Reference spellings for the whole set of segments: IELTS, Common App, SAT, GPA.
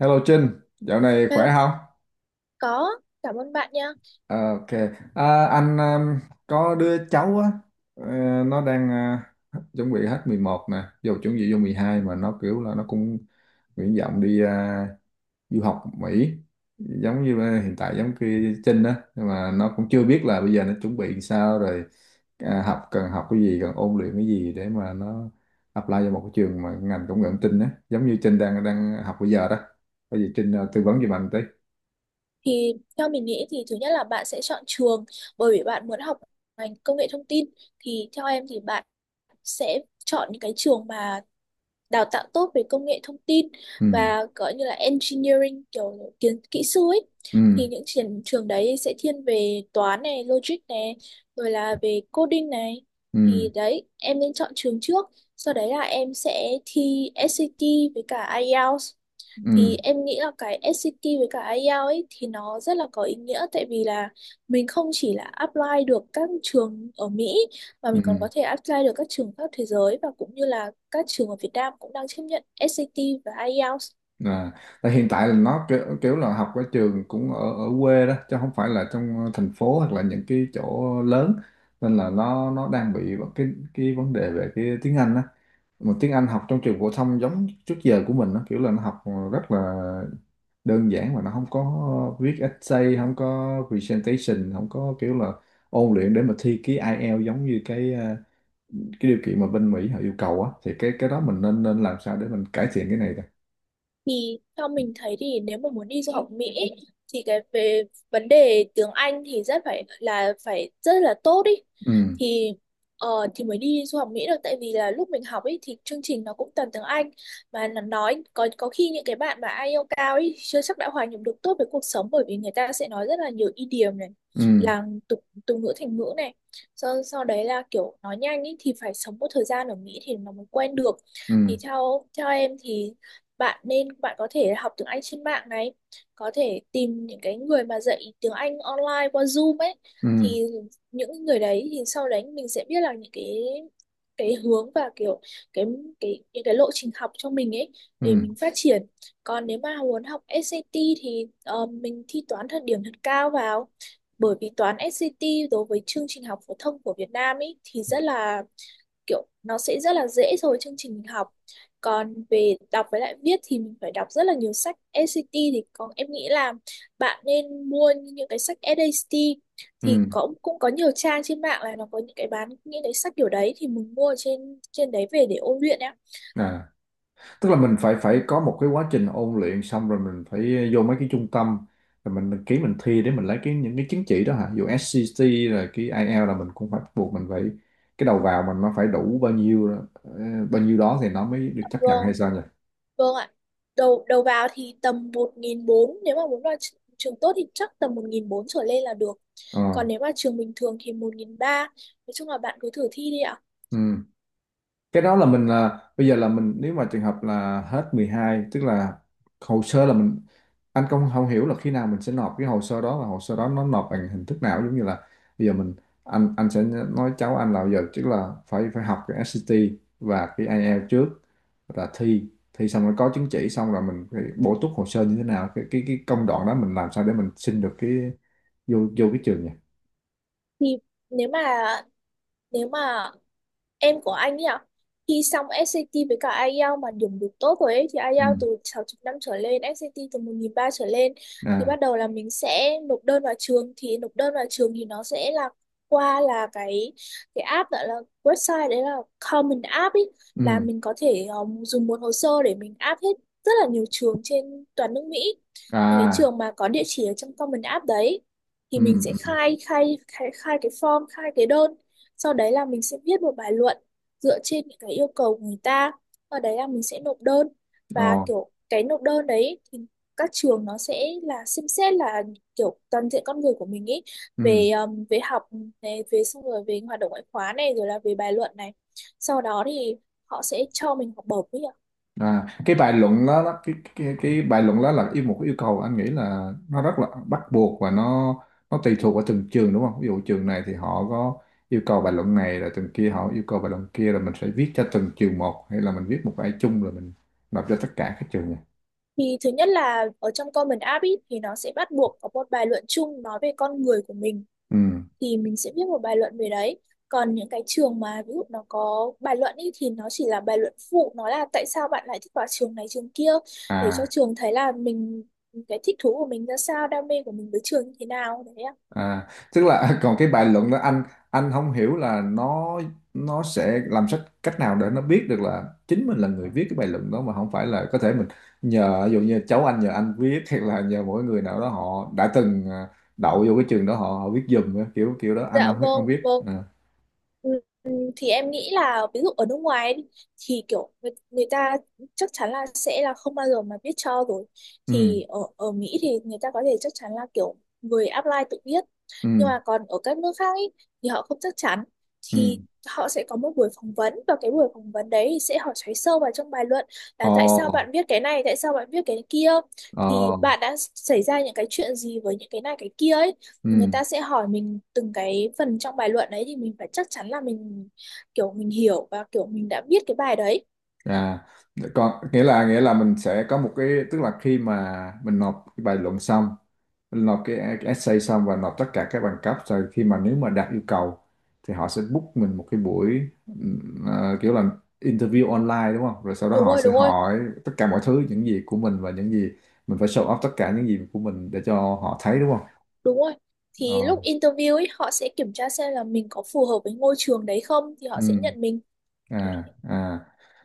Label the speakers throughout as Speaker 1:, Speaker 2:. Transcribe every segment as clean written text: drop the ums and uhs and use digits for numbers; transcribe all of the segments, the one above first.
Speaker 1: Hello Trinh, dạo này khỏe
Speaker 2: Hello,
Speaker 1: không?
Speaker 2: có, cảm ơn bạn nha.
Speaker 1: Ờ, Ok, anh có đứa cháu á, ờ, nó đang chuẩn bị hết 11 nè, vô chuẩn bị vô 12 mà nó kiểu là nó cũng nguyện vọng đi à, du học Mỹ, giống như là hiện tại giống kia Trinh á, nhưng mà nó cũng chưa biết là bây giờ nó chuẩn bị sao rồi à, học cần học cái gì, cần ôn luyện cái gì để mà nó apply vào một cái trường mà ngành công nghệ thông tin á, giống như Trinh đang đang học bây giờ đó, có gì Trinh à, tư vấn giùm anh tí.
Speaker 2: Thì theo mình nghĩ thì thứ nhất là bạn sẽ chọn trường bởi vì bạn muốn học ngành công nghệ thông tin. Thì theo em thì bạn sẽ chọn những cái trường mà đào tạo tốt về công nghệ thông tin
Speaker 1: Ừ.
Speaker 2: và có như là engineering kiểu kiến kỹ sư ấy.
Speaker 1: Ừ.
Speaker 2: Thì những trường trường đấy sẽ thiên về toán này, logic này, rồi là về coding này. Thì
Speaker 1: Ừ.
Speaker 2: đấy, em nên chọn trường trước. Sau đấy là em sẽ thi SAT với cả IELTS. Thì
Speaker 1: Ừ.
Speaker 2: em nghĩ là cái SAT với cả IELTS ấy thì nó rất là có ý nghĩa tại vì là mình không chỉ là apply được các trường ở Mỹ mà
Speaker 1: Ừ.
Speaker 2: mình còn có thể apply được các trường khắp thế giới và cũng như là các trường ở Việt Nam cũng đang chấp nhận SAT và IELTS.
Speaker 1: À, tại hiện tại là nó kiểu là học ở trường cũng ở ở quê đó chứ không phải là trong thành phố hoặc là những cái chỗ lớn, nên là nó đang bị cái vấn đề về cái tiếng Anh đó, mà tiếng Anh học trong trường phổ thông giống trước giờ của mình nó kiểu là nó học rất là đơn giản, mà nó không có viết essay, không có presentation, không có kiểu là ôn luyện để mà thi cái IELTS giống như cái à, cái điều kiện mà bên Mỹ họ yêu cầu á, thì cái đó mình nên nên làm sao để mình cải thiện cái này ta.
Speaker 2: Thì theo mình thấy thì nếu mà muốn đi du học Mỹ ấy, thì cái về vấn đề tiếng Anh thì rất phải là phải rất là tốt ý.
Speaker 1: Ừ.
Speaker 2: Thì ờ, thì mới đi du học Mỹ được tại vì là lúc mình học ấy thì chương trình nó cũng toàn tiếng Anh và nó nói có khi những cái bạn mà IELTS cao ấy chưa chắc đã hòa nhập được tốt với cuộc sống bởi vì người ta sẽ nói rất là nhiều idiom này,
Speaker 1: Ừ.
Speaker 2: là tục tục ngữ thành ngữ này, sau sau đấy là kiểu nói nhanh ấy thì phải sống một thời gian ở Mỹ thì nó mới quen được. Thì
Speaker 1: Ừ.
Speaker 2: theo theo em thì bạn nên, bạn có thể học tiếng Anh trên mạng này, có thể tìm những cái người mà dạy tiếng Anh online qua Zoom ấy.
Speaker 1: Ừ.
Speaker 2: Thì những người đấy thì sau đấy mình sẽ biết là những cái hướng và kiểu cái cái những cái lộ trình học cho mình ấy để
Speaker 1: Ừ.
Speaker 2: mình phát triển. Còn nếu mà muốn học SAT thì mình thi toán thật điểm thật cao vào, bởi vì toán SAT đối với chương trình học phổ thông của Việt Nam ấy thì rất là kiểu nó sẽ rất là dễ so với chương trình mình học. Còn về đọc với lại viết thì mình phải đọc rất là nhiều sách SAT. Thì còn em nghĩ là bạn nên mua những cái sách SAT,
Speaker 1: Ừ.
Speaker 2: thì có, cũng có nhiều trang trên mạng là nó có những cái bán những cái sách kiểu đấy thì mình mua trên trên đấy về để ôn luyện, em.
Speaker 1: À, tức là mình phải phải có một cái quá trình ôn luyện xong rồi mình phải vô mấy cái trung tâm, rồi mình ký mình thi để mình lấy cái những cái chứng chỉ đó hả dù SCT, rồi cái IELTS là mình cũng phải buộc mình phải cái đầu vào mình nó phải đủ bao nhiêu đó- bao nhiêu đó thì nó mới được chấp nhận
Speaker 2: Vâng,
Speaker 1: hay sao nhỉ.
Speaker 2: vâng ạ. Đầu đầu vào thì tầm 1.400, nếu mà muốn vào trường tốt thì chắc tầm 1.400 trở lên là được.
Speaker 1: Ờ.
Speaker 2: Còn nếu mà trường bình thường thì 1.300. Nói chung là bạn cứ thử thi đi ạ.
Speaker 1: Ừ. Cái đó là mình là bây giờ là mình nếu mà trường hợp là hết 12 tức là hồ sơ là mình, anh không không hiểu là khi nào mình sẽ nộp cái hồ sơ đó và hồ sơ đó nó nộp bằng hình thức nào, giống như là bây giờ mình, anh sẽ nói cháu anh là bây giờ tức là phải phải học cái SAT và cái IELTS trước, rồi là thi thi xong rồi có chứng chỉ xong rồi mình phải bổ túc hồ sơ như thế nào, cái cái công đoạn đó mình làm sao để mình xin được cái vô vô cái trường nhỉ.
Speaker 2: Thì nếu mà nếu mà em của anh ấy ạ, thi xong SAT với cả IELTS mà điểm được tốt rồi ấy, thì
Speaker 1: Ừ.
Speaker 2: IELTS từ 6 năm trở lên, SAT từ 1.300 trở lên, thì
Speaker 1: À.
Speaker 2: bắt đầu là mình sẽ nộp đơn vào trường. Thì nộp đơn vào trường thì nó sẽ là qua là cái app gọi là website đấy là Common App ấy, là
Speaker 1: Ừ.
Speaker 2: mình có thể dùng một hồ sơ để mình áp hết rất là nhiều trường trên toàn nước Mỹ, những cái
Speaker 1: À.
Speaker 2: trường mà có địa chỉ ở trong Common App đấy.
Speaker 1: Ừ.
Speaker 2: Thì mình sẽ
Speaker 1: Ừ.
Speaker 2: khai khai khai khai cái form, khai cái đơn, sau đấy là mình sẽ viết một bài luận dựa trên những cái yêu cầu của người ta. Ở đấy là mình sẽ nộp đơn,
Speaker 1: Ồ.
Speaker 2: và kiểu cái nộp đơn đấy thì các trường nó sẽ là xem xét là kiểu toàn diện con người của mình ý,
Speaker 1: Ừ.
Speaker 2: về về học này, về xong rồi về hoạt động ngoại khóa này, rồi là về bài luận này. Sau đó thì họ sẽ cho mình học bổng ấy ạ.
Speaker 1: À, cái bài luận đó, đó cái, cái bài luận đó là yêu một cái yêu cầu anh nghĩ là nó rất là bắt buộc và nó tùy thuộc vào từng trường đúng không? Ví dụ trường này thì họ có yêu cầu bài luận này, là trường kia họ yêu cầu bài luận kia, là mình sẽ viết cho từng trường một hay là mình viết một bài chung rồi mình nộp cho tất cả các trường này.
Speaker 2: Thì thứ nhất là ở trong Common App ý, thì nó sẽ bắt buộc có một bài luận chung nói về con người của mình,
Speaker 1: Ừ.
Speaker 2: thì mình sẽ viết một bài luận về đấy. Còn những cái trường mà ví dụ nó có bài luận ý, thì nó chỉ là bài luận phụ, nó là tại sao bạn lại thích vào trường này trường kia, để cho
Speaker 1: À.
Speaker 2: trường thấy là mình, cái thích thú của mình ra sao, đam mê của mình với trường như thế nào đấy ạ.
Speaker 1: À, tức là còn cái bài luận đó, anh không hiểu là nó sẽ làm sách cách nào để nó biết được là chính mình là người viết cái bài luận đó, mà không phải là có thể mình nhờ, ví dụ như cháu anh nhờ anh viết, hay là nhờ mỗi người nào đó họ đã từng à, đậu vô cái trường đó họ họ viết giùm á, kiểu kiểu đó anh
Speaker 2: Dạ
Speaker 1: không
Speaker 2: vâng,
Speaker 1: không biết
Speaker 2: vâng.
Speaker 1: à.
Speaker 2: Ừ, ừ, thì em nghĩ là ví dụ ở nước ngoài ấy đi, thì kiểu người ta chắc chắn là sẽ là không bao giờ mà biết cho rồi.
Speaker 1: Ừ.
Speaker 2: Thì ở ở Mỹ thì người ta có thể chắc chắn là kiểu người apply tự biết.
Speaker 1: Ừ.
Speaker 2: Nhưng mà còn ở các nước khác ý, thì họ không chắc chắn.
Speaker 1: Ừ.
Speaker 2: Thì họ sẽ có một buổi phỏng vấn và cái buổi phỏng vấn đấy thì sẽ hỏi xoáy sâu vào trong bài luận, là tại sao
Speaker 1: Ồ.
Speaker 2: bạn viết cái này, tại sao bạn viết cái kia.
Speaker 1: Ồ.
Speaker 2: Thì bạn đã xảy ra những cái chuyện gì với những cái này cái kia ấy,
Speaker 1: Ừ.
Speaker 2: thì người ta sẽ hỏi mình từng cái phần trong bài luận đấy, thì mình phải chắc chắn là mình kiểu mình hiểu và kiểu mình đã biết cái bài đấy.
Speaker 1: À, còn nghĩa là mình sẽ có một cái, tức là khi mà mình nộp cái bài luận xong, mình nộp cái essay xong và nộp tất cả các bằng cấp, rồi khi mà nếu mà đạt yêu cầu thì họ sẽ book mình một cái buổi kiểu là interview online đúng không? Rồi sau đó
Speaker 2: Đúng
Speaker 1: họ
Speaker 2: rồi,
Speaker 1: sẽ
Speaker 2: đúng rồi,
Speaker 1: hỏi tất cả mọi thứ những gì của mình, và những gì mình phải show off tất cả những gì của mình để cho họ thấy đúng không?
Speaker 2: đúng rồi. Thì
Speaker 1: Ờ.
Speaker 2: lúc interview ấy họ sẽ kiểm tra xem là mình có phù hợp với ngôi trường đấy không, thì họ sẽ
Speaker 1: Ừm.
Speaker 2: nhận mình, kiểu
Speaker 1: À
Speaker 2: thế.
Speaker 1: à,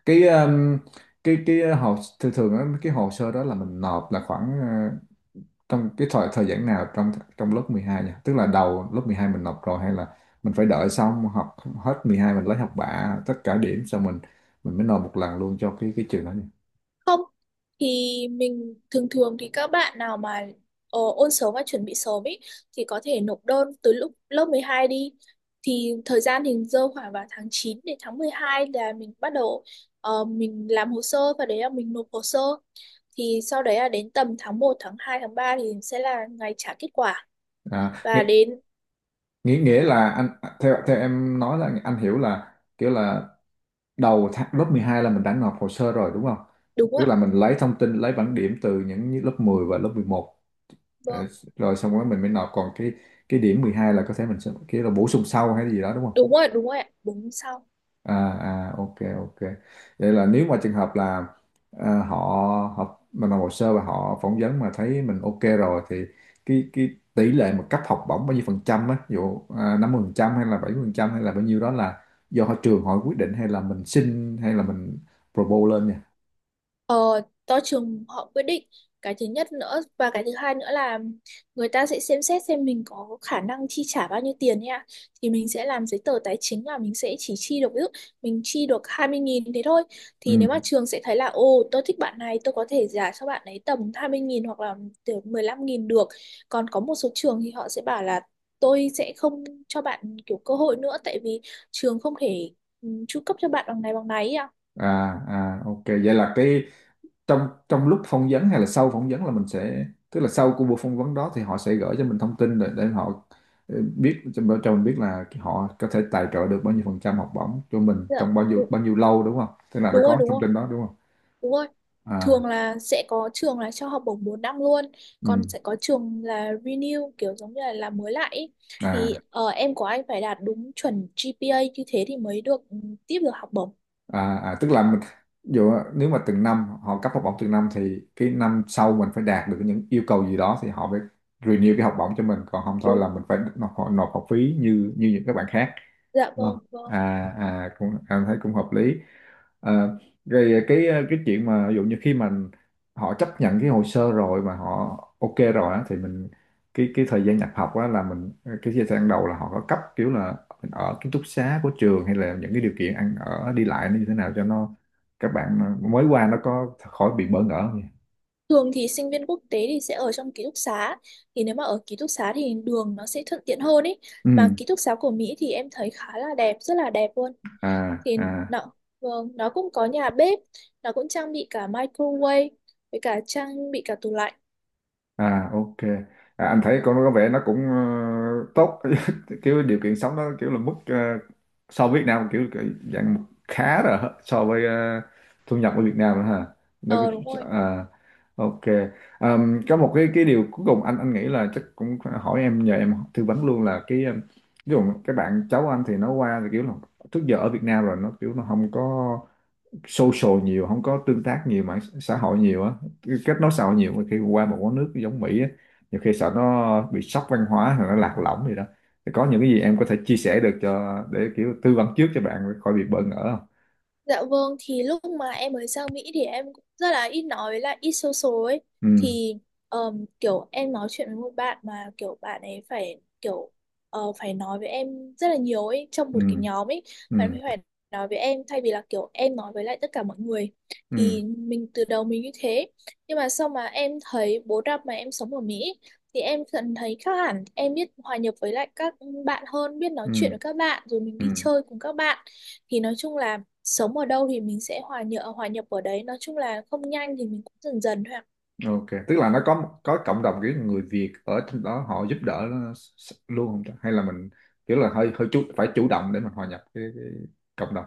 Speaker 1: cái um, cái hồ thường thường á, cái hồ sơ đó là mình nộp là khoảng à, trong cái thời thời gian nào trong trong lớp 12 nhỉ? Tức là đầu lớp 12 mình nộp rồi, hay là mình phải đợi xong học hết 12 mình lấy học bạ tất cả điểm xong mình mới nộp một lần luôn cho cái trường đó nhỉ?
Speaker 2: Không, thì mình thường thường thì các bạn nào mà ôn sớm và chuẩn bị sớm ý, thì có thể nộp đơn từ lúc lớp 12 đi. Thì thời gian thì rơi khoảng vào tháng 9 đến tháng 12 là mình bắt đầu mình làm hồ sơ, và đấy là mình nộp hồ sơ. Thì sau đấy là đến tầm tháng 1, tháng 2, tháng 3 thì sẽ là ngày trả kết quả.
Speaker 1: À,
Speaker 2: Và
Speaker 1: nghĩa,
Speaker 2: đến,
Speaker 1: nghĩa nghĩa là anh theo theo em nói là anh hiểu là kiểu là đầu tháng, lớp 12 là mình đã nộp hồ sơ rồi đúng không?
Speaker 2: đúng
Speaker 1: Tức
Speaker 2: ạ,
Speaker 1: là mình lấy thông tin lấy bảng điểm từ những lớp 10 và lớp mười một, ờ,
Speaker 2: vâng,
Speaker 1: rồi xong rồi mình mới nộp, còn cái điểm 12 là có thể mình sẽ kiểu là bổ sung sau hay gì đó đúng.
Speaker 2: đúng rồi, ạ, đúng sau.
Speaker 1: À. À, ok, ok, vậy là nếu mà trường hợp là à, họ họ mình làm hồ sơ và họ phỏng vấn mà thấy mình ok rồi thì cái tỷ lệ mà cấp học bổng bao nhiêu phần trăm á, ví dụ à, 50 phần trăm hay là 70 phần trăm hay là bao nhiêu đó, là do họ trường họ quyết định hay là mình xin hay là mình propose lên nha.
Speaker 2: Ờ, do trường họ quyết định. Cái thứ nhất nữa, và cái thứ hai nữa là người ta sẽ xem xét xem mình có khả năng chi trả bao nhiêu tiền nha. Thì mình sẽ làm giấy tờ tài chính là mình sẽ chỉ chi được, ví dụ mình chi được 20.000 thế thôi, thì
Speaker 1: Ừ.
Speaker 2: nếu mà trường sẽ thấy là ồ tôi thích bạn này, tôi có thể trả cho bạn ấy tầm 20.000 hoặc là từ 15.000 được. Còn có một số trường thì họ sẽ bảo là tôi sẽ không cho bạn kiểu cơ hội nữa, tại vì trường không thể chu cấp cho bạn bằng này ấy à.
Speaker 1: À. À, ok, vậy là cái trong trong lúc phỏng vấn hay là sau phỏng vấn là mình sẽ tức là sau của buổi phỏng vấn đó thì họ sẽ gửi cho mình thông tin để họ ờ, biết cho mình biết là họ có thể tài trợ được bao nhiêu phần trăm học bổng cho mình
Speaker 2: Dạ
Speaker 1: trong
Speaker 2: đúng,
Speaker 1: bao nhiêu lâu đúng không? Tức là đã
Speaker 2: đúng rồi,
Speaker 1: có
Speaker 2: đúng
Speaker 1: thông
Speaker 2: rồi.
Speaker 1: tin đó đúng không.
Speaker 2: Đúng rồi.
Speaker 1: À.
Speaker 2: Thường là sẽ có trường là cho học bổng 4 năm luôn,
Speaker 1: Ừ.
Speaker 2: còn sẽ có trường là renew kiểu giống như là làm mới lại ý. Thì
Speaker 1: À.
Speaker 2: em của anh phải đạt đúng chuẩn GPA như thế thì mới được tiếp được học bổng.
Speaker 1: À, à tức là mình ví dụ nếu mà từng năm họ cấp học bổng từng năm thì cái năm sau mình phải đạt được những yêu cầu gì đó thì họ mới renew cái học bổng cho mình, còn không thôi là
Speaker 2: Đúng.
Speaker 1: mình phải nộp nộp học phí như như những các bạn khác.
Speaker 2: Dạ vâng,
Speaker 1: Vâng.
Speaker 2: vâng.
Speaker 1: À, à cũng em thấy cũng hợp lý. À, rồi cái chuyện mà ví dụ như khi mà họ chấp nhận cái hồ sơ rồi mà họ ok rồi á, thì mình cái thời gian nhập học á là mình cái thời gian đầu là họ có cấp kiểu là mình ở ký túc xá của trường, hay là những cái điều kiện ăn ở đi lại nó như thế nào, cho nó các bạn mới qua nó có khỏi bị bỡ ngỡ không nhỉ?
Speaker 2: Thường thì sinh viên quốc tế thì sẽ ở trong ký túc xá. Thì nếu mà ở ký túc xá thì đường nó sẽ thuận tiện hơn ấy.
Speaker 1: Ừ.
Speaker 2: Mà ký túc xá của Mỹ thì em thấy khá là đẹp, rất là đẹp luôn.
Speaker 1: À,
Speaker 2: Thì
Speaker 1: à.
Speaker 2: nó, vâng, nó cũng có nhà bếp, nó cũng trang bị cả microwave với cả trang bị cả tủ lạnh.
Speaker 1: À, ok. À, anh thấy con nó có vẻ nó cũng ờ, tốt. Kiểu điều kiện sống nó kiểu là mức ờ, so với Việt Nam kiểu dạng khá rồi hả? So với ờ, thu nhập ở Việt Nam nữa ha, nó
Speaker 2: Ờ, đúng
Speaker 1: cứ-
Speaker 2: rồi.
Speaker 1: à, ok. Có một cái điều cuối cùng anh nghĩ là chắc cũng hỏi em nhờ em tư vấn luôn là cái ví dụ các bạn cháu anh thì nó qua thì kiểu là trước giờ ở Việt Nam rồi nó kiểu nó không có social nhiều, không có tương tác nhiều mạng xã hội nhiều á, kết nối xã hội nhiều, mà khi qua một quán nước giống Mỹ á nhiều khi sợ nó bị sốc văn hóa hoặc nó lạc lõng gì đó, thì có những cái gì em có thể chia sẻ được cho để kiểu tư vấn trước cho bạn khỏi bị bỡ ngỡ không.
Speaker 2: Dạ vâng, thì lúc mà em mới sang Mỹ thì em cũng rất là ít nói với lại ít social ấy.
Speaker 1: Ừ.
Speaker 2: Thì kiểu em nói chuyện với một bạn mà kiểu bạn ấy phải kiểu phải nói với em rất là nhiều ấy, trong
Speaker 1: Ừ.
Speaker 2: một cái nhóm ấy.
Speaker 1: Ừ.
Speaker 2: Bạn ấy phải nói với em thay vì là kiểu em nói với lại tất cả mọi người.
Speaker 1: Ừ.
Speaker 2: Thì mình từ đầu mình như thế. Nhưng mà sau mà em thấy 4 năm mà em sống ở Mỹ thì em dần thấy khác hẳn. Em biết hòa nhập với lại các bạn hơn, biết nói
Speaker 1: Ừ.
Speaker 2: chuyện với các bạn, rồi mình
Speaker 1: Ừ.
Speaker 2: đi chơi cùng các bạn. Thì nói chung là sống ở đâu thì mình sẽ hòa nhập, hòa nhập ở đấy, nói chung là không nhanh thì mình cũng dần dần thôi ạ.
Speaker 1: Ok, tức là nó có cộng đồng kiểu người Việt ở trong đó họ giúp đỡ nó s- luôn không ta? Hay là mình kiểu là hơi hơi chút phải chủ động để mình hòa nhập cái cộng đồng.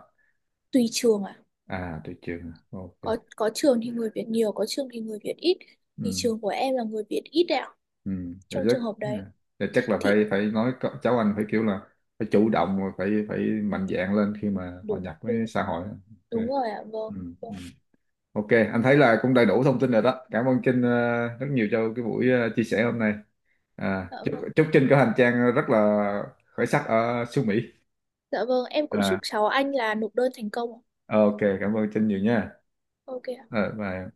Speaker 2: Tùy trường ạ.
Speaker 1: À tôi chưa, ok.
Speaker 2: Có trường thì người Việt nhiều, có trường thì người Việt ít, thì
Speaker 1: Ừ.
Speaker 2: trường của em là người Việt ít đấy ạ,
Speaker 1: Ừ. Dạ
Speaker 2: trong
Speaker 1: chắc,
Speaker 2: trường hợp đấy.
Speaker 1: dạ chắc là
Speaker 2: Thì
Speaker 1: phải phải nói có- cháu anh phải kiểu là phải chủ động và phải phải mạnh dạn lên khi mà hòa
Speaker 2: đúng,
Speaker 1: nhập với
Speaker 2: đúng,
Speaker 1: xã hội. Ok.
Speaker 2: đúng rồi ạ,
Speaker 1: Ừ.
Speaker 2: vâng,
Speaker 1: Ừ.
Speaker 2: vâng.
Speaker 1: Ok, anh thấy là cũng đầy đủ thông tin rồi đó, cảm ơn Trinh ờ, rất nhiều cho cái buổi ờ, chia sẻ hôm nay. À,
Speaker 2: Dạ
Speaker 1: chúc
Speaker 2: vâng,
Speaker 1: chúc Trinh có hành trang rất là khởi sắc ở xứ Mỹ.
Speaker 2: dạ vâng, em cũng chúc
Speaker 1: À,
Speaker 2: cháu anh là nộp đơn thành công ạ.
Speaker 1: ok, cảm ơn Trinh nhiều nha.
Speaker 2: OK ạ.
Speaker 1: À, bye.